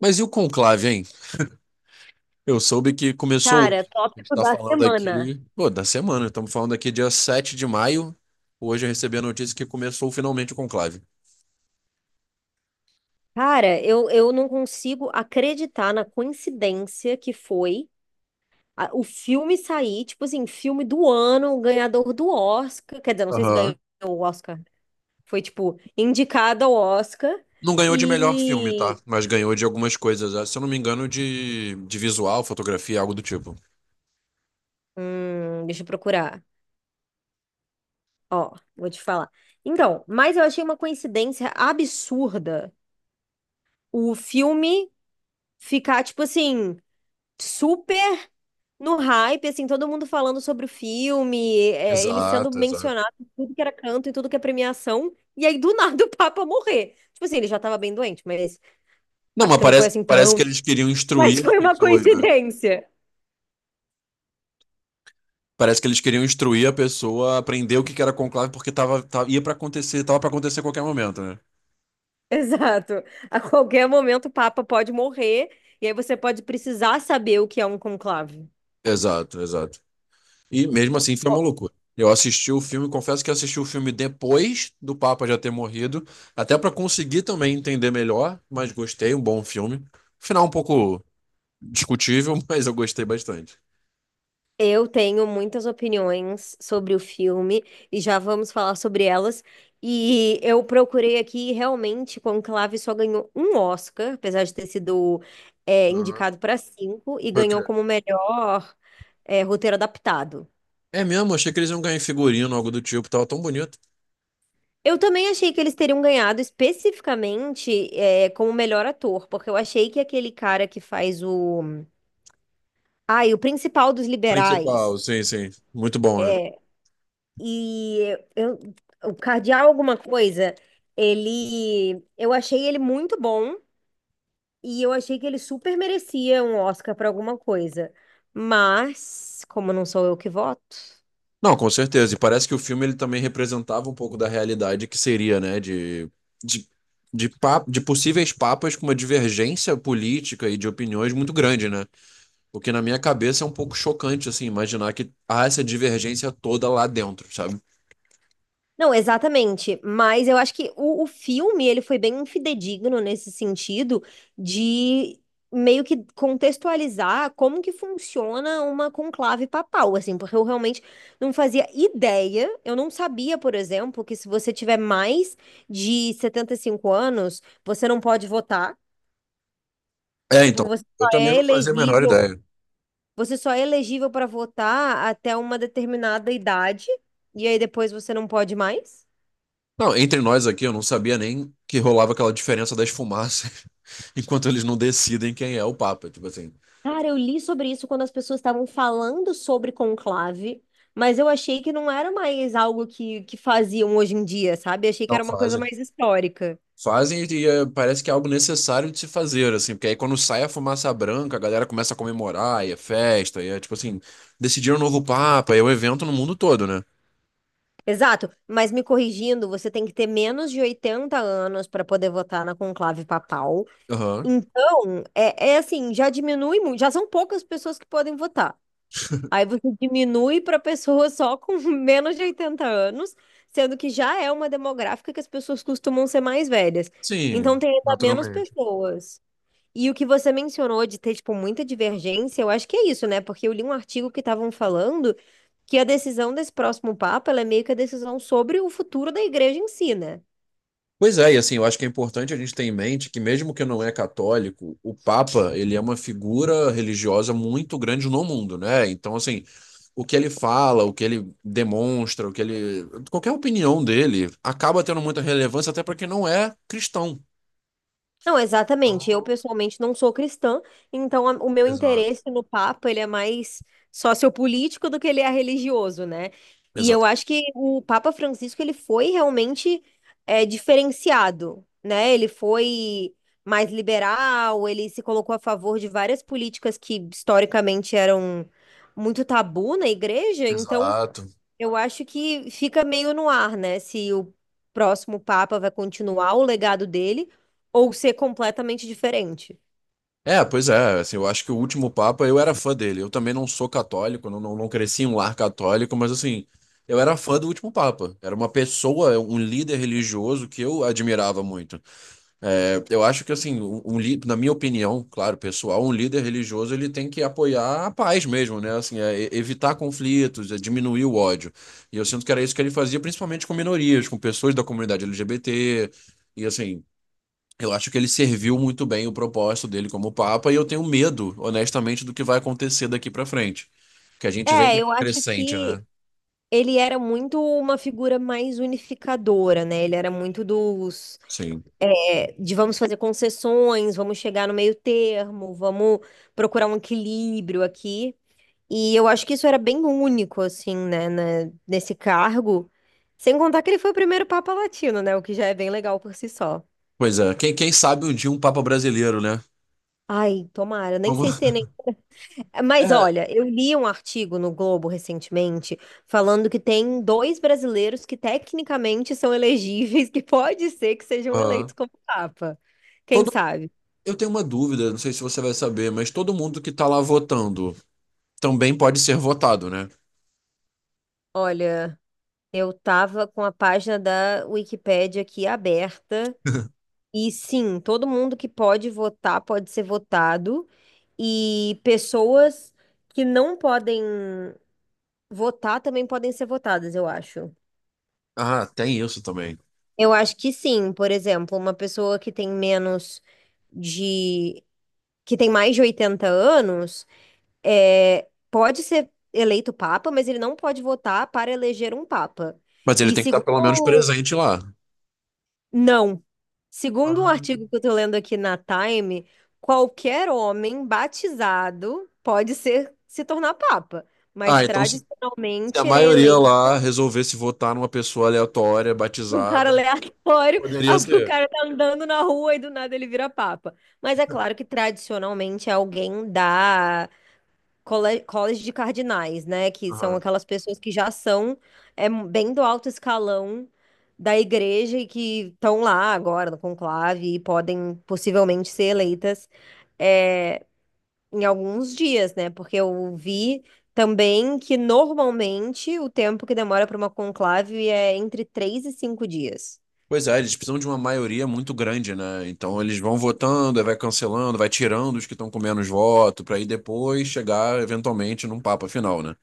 Mas e o conclave, hein? Eu soube que começou Cara, hoje. A gente tópico tá da falando semana. aqui, pô, da semana. Estamos falando aqui dia 7 de maio. Hoje eu recebi a notícia que começou finalmente o conclave. Cara, eu não consigo acreditar na coincidência que foi o filme sair, tipo assim, filme do ano, ganhador do Oscar. Quer dizer, não sei se ganhou Aham. o Oscar. Foi, tipo, indicado ao Oscar. Não ganhou de melhor filme, tá? E. Mas ganhou de algumas coisas, né? Se eu não me engano, de visual, fotografia, algo do tipo. Deixa eu procurar. Ó, vou te falar. Então, mas eu achei uma coincidência absurda o filme ficar, tipo assim, super no hype, assim, todo mundo falando sobre o filme, ele sendo Exato, exato. mencionado em tudo que era canto e tudo que é premiação. E aí, do nada, o Papa morrer. Tipo assim, ele já tava bem doente, mas Não, mas acho que não foi parece, assim parece que tão. eles queriam Mas instruir as foi uma pessoas, né? coincidência. Parece que eles queriam instruir a pessoa a aprender o que que era conclave, porque ia pra acontecer, tava pra acontecer a qualquer momento, né? Exato. A qualquer momento o Papa pode morrer, e aí você pode precisar saber o que é um conclave. Exato, exato. E mesmo assim foi uma loucura. Eu assisti o filme, confesso que assisti o filme depois do Papa já ter morrido, até para conseguir também entender melhor, mas gostei, um bom filme. Final um pouco discutível, mas eu gostei bastante. Eu tenho muitas opiniões sobre o filme e já vamos falar sobre elas. E eu procurei aqui e realmente Conclave só ganhou um Oscar, apesar de ter sido Uhum. indicado para cinco, e Foi o ganhou quê? como melhor roteiro adaptado. É mesmo, achei que eles iam ganhar em figurino, algo do tipo, tava tão bonito. Eu também achei que eles teriam ganhado especificamente como melhor ator, porque eu achei que aquele cara que faz o. Ai, o principal dos liberais. Principal, sim, sim. Muito bom, né? E eu, o Cardeal alguma coisa, ele, eu achei ele muito bom e eu achei que ele super merecia um Oscar para alguma coisa. Mas, como não sou eu que voto, Não, com certeza. E parece que o filme ele também representava um pouco da realidade que seria, né, de, de possíveis papas com uma divergência política e de opiniões muito grande, né? O que na minha cabeça é um pouco chocante, assim, imaginar que há essa divergência toda lá dentro, sabe? não, exatamente. Mas eu acho que o filme ele foi bem fidedigno nesse sentido de meio que contextualizar como que funciona uma conclave papal, assim, porque eu realmente não fazia ideia. Eu não sabia, por exemplo, que se você tiver mais de 75 anos, você não pode votar. É, Tipo, então, você eu só também é não fazia a menor elegível, ideia. você só é elegível para votar até uma determinada idade, e aí depois você não pode mais. Não, entre nós aqui, eu não sabia nem que rolava aquela diferença das fumaças enquanto eles não decidem quem é o papa, tipo assim. Cara, eu li sobre isso quando as pessoas estavam falando sobre conclave, mas eu achei que não era mais algo que faziam hoje em dia, sabe? Achei que Não era uma coisa fazem. mais histórica. Fazem e é, parece que é algo necessário de se fazer, assim, porque aí quando sai a fumaça branca, a galera começa a comemorar, e é festa, e é tipo assim, decidiram um novo papa, e é um evento no mundo todo, né? Exato, mas me corrigindo, você tem que ter menos de 80 anos para poder votar na conclave papal. Aham. Então, é, é assim, já diminui muito, já são poucas pessoas que podem votar. Aí você diminui para pessoa só com menos de 80 anos, sendo que já é uma demográfica que as pessoas costumam ser mais velhas. Sim, Então tem ainda menos naturalmente. pessoas. E o que você mencionou de ter, tipo, muita divergência, eu acho que é isso, né? Porque eu li um artigo que estavam falando que a decisão desse próximo Papa, ela é meio que a decisão sobre o futuro da igreja em si, né? Pois é, e assim, eu acho que é importante a gente ter em mente que mesmo que não é católico, o Papa, ele é uma figura religiosa muito grande no mundo, né? Então, assim, o que ele fala, o que ele demonstra, o que ele, qualquer opinião dele acaba tendo muita relevância até para quem não é cristão. Não, exatamente. Eu Então, pessoalmente não sou cristã, então o meu exato, interesse no Papa, ele é mais sociopolítico do que ele é religioso, né? E eu exato, acho que o Papa Francisco, ele foi realmente diferenciado, né? Ele foi mais liberal, ele se colocou a favor de várias políticas que historicamente eram muito tabu na igreja, então exato. eu acho que fica meio no ar, né? Se o próximo Papa vai continuar o legado dele ou ser completamente diferente. É, pois é, assim, eu acho que o último Papa, eu era fã dele. Eu também não sou católico, não, não cresci em um lar católico, mas assim, eu era fã do último Papa. Era uma pessoa, um líder religioso que eu admirava muito. É, eu acho que, assim, na minha opinião, claro, pessoal, um líder religioso, ele tem que apoiar a paz mesmo, né? Assim, é, evitar conflitos, é diminuir o ódio. E eu sinto que era isso que ele fazia, principalmente com minorias, com pessoas da comunidade LGBT, e assim... Eu acho que ele serviu muito bem o propósito dele como Papa e eu tenho medo, honestamente, do que vai acontecer daqui para frente. Que a gente vem É, eu numa acho crescente, né? que ele era muito uma figura mais unificadora, né? Ele era muito dos, Sim. é, de vamos fazer concessões, vamos chegar no meio termo, vamos procurar um equilíbrio aqui. E eu acho que isso era bem único, assim, né, nesse cargo. Sem contar que ele foi o primeiro Papa Latino, né? O que já é bem legal por si só. Pois é, quem sabe um dia um Papa brasileiro, né? Ai, tomara, nem sei se Vamos- tem nem. Mas É, olha, eu li um artigo no Globo recentemente falando que tem dois brasileiros que tecnicamente são elegíveis, que pode ser que sejam ah, eleitos como papa. Quem todo, sabe? eu tenho uma dúvida, não sei se você vai saber, mas todo mundo que tá lá votando também pode ser votado, né? Olha, eu tava com a página da Wikipédia aqui aberta e sim, todo mundo que pode votar pode ser votado e pessoas que não podem votar também podem ser votadas, eu acho. Ah, tem isso também. Eu acho que sim, por exemplo, uma pessoa que tem menos de, que tem mais de 80 anos, pode ser eleito papa, mas ele não pode votar para eleger um papa. Mas ele E tem que estar pelo menos segundo, presente lá. não, segundo um Ah, artigo que eu tô lendo aqui na Time, qualquer homem batizado pode ser se tornar papa, mas ah, então se a tradicionalmente ele é maioria lá eleito resolvesse votar numa pessoa aleatória, um cara batizada. aleatório, Poderia o ser. cara tá andando na rua e do nada ele vira papa. Mas é claro que tradicionalmente é alguém da cole- College de Cardinais, né? Que são Aham. aquelas pessoas que já são bem do alto escalão da igreja e que estão lá agora no conclave e podem possivelmente ser eleitas é, em alguns dias, né? Porque eu vi. Também que normalmente o tempo que demora para uma conclave é entre 3 e 5 dias. Pois é, eles precisam de uma maioria muito grande, né? Então eles vão votando, aí vai cancelando, vai tirando os que estão com menos voto, para aí depois chegar eventualmente num papo final, né?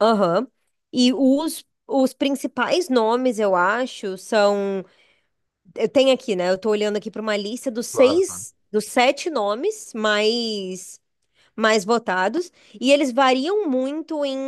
Aham. E os principais nomes, eu acho, são. Eu tenho aqui, né? Eu tô olhando aqui para uma lista dos Claro. seis, dos sete nomes mais votados. E eles variam muito em,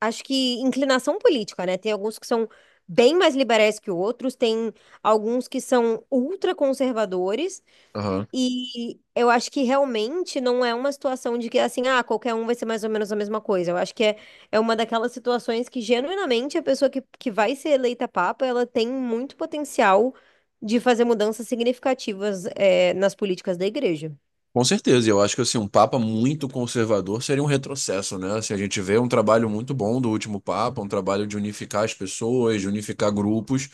acho que, inclinação política, né? Tem alguns que são bem mais liberais que outros, tem alguns que são ultraconservadores Aham. e eu acho que realmente não é uma situação de que assim, ah, qualquer um vai ser mais ou menos a mesma coisa. Eu acho que é, é uma daquelas situações que genuinamente a pessoa que vai ser eleita papa, ela tem muito potencial de fazer mudanças significativas, nas políticas da igreja. Com certeza, e eu acho que assim, um Papa muito conservador seria um retrocesso, né? Assim, a gente vê um trabalho muito bom do último Papa, um trabalho de unificar as pessoas, de unificar grupos,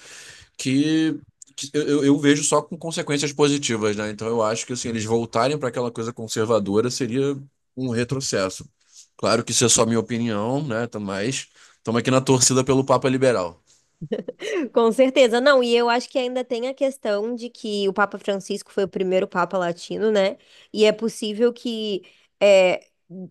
que, que eu vejo só com consequências positivas, né? Então eu acho que assim, eles voltarem para aquela coisa conservadora seria um retrocesso. Claro que isso é só minha opinião, né? Tá- Mas estamos aqui na torcida pelo Papa liberal. Com certeza, não, e eu acho que ainda tem a questão de que o Papa Francisco foi o primeiro Papa latino, né? E é possível que é,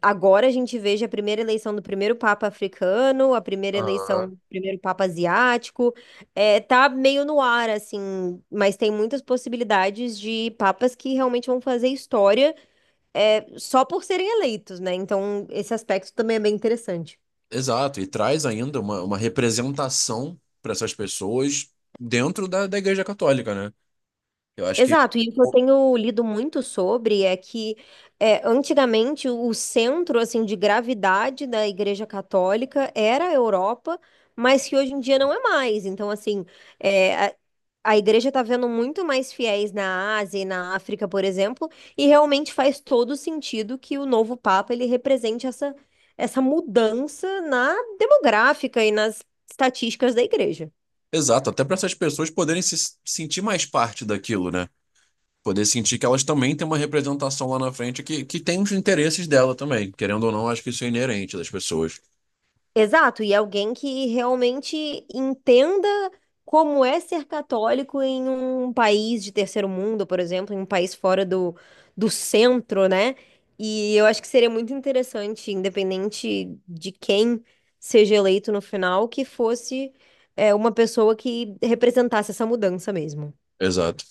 agora a gente veja a primeira eleição do primeiro Papa africano, a primeira eleição Aham. do primeiro Papa asiático. É, tá meio no ar, assim, mas tem muitas possibilidades de papas que realmente vão fazer história só por serem eleitos, né? Então, esse aspecto também é bem interessante. Exato, e traz ainda uma representação para essas pessoas dentro da Igreja Católica, né? Eu acho que. Exato, e o que eu tenho lido muito sobre é que antigamente o centro assim de gravidade da Igreja Católica era a Europa, mas que hoje em dia não é mais. Então, assim, é, a, a Igreja está vendo muito mais fiéis na Ásia e na África, por exemplo, e realmente faz todo sentido que o novo Papa ele represente essa, essa mudança na demográfica e nas estatísticas da Igreja. Exato, até para essas pessoas poderem se sentir mais parte daquilo, né? Poder sentir que elas também têm uma representação lá na frente que tem os interesses dela também. Querendo ou não, acho que isso é inerente das pessoas. Exato, e alguém que realmente entenda como é ser católico em um país de terceiro mundo, por exemplo, em um país fora do centro, né? E eu acho que seria muito interessante, independente de quem seja eleito no final, que fosse, uma pessoa que representasse essa mudança mesmo. Exato.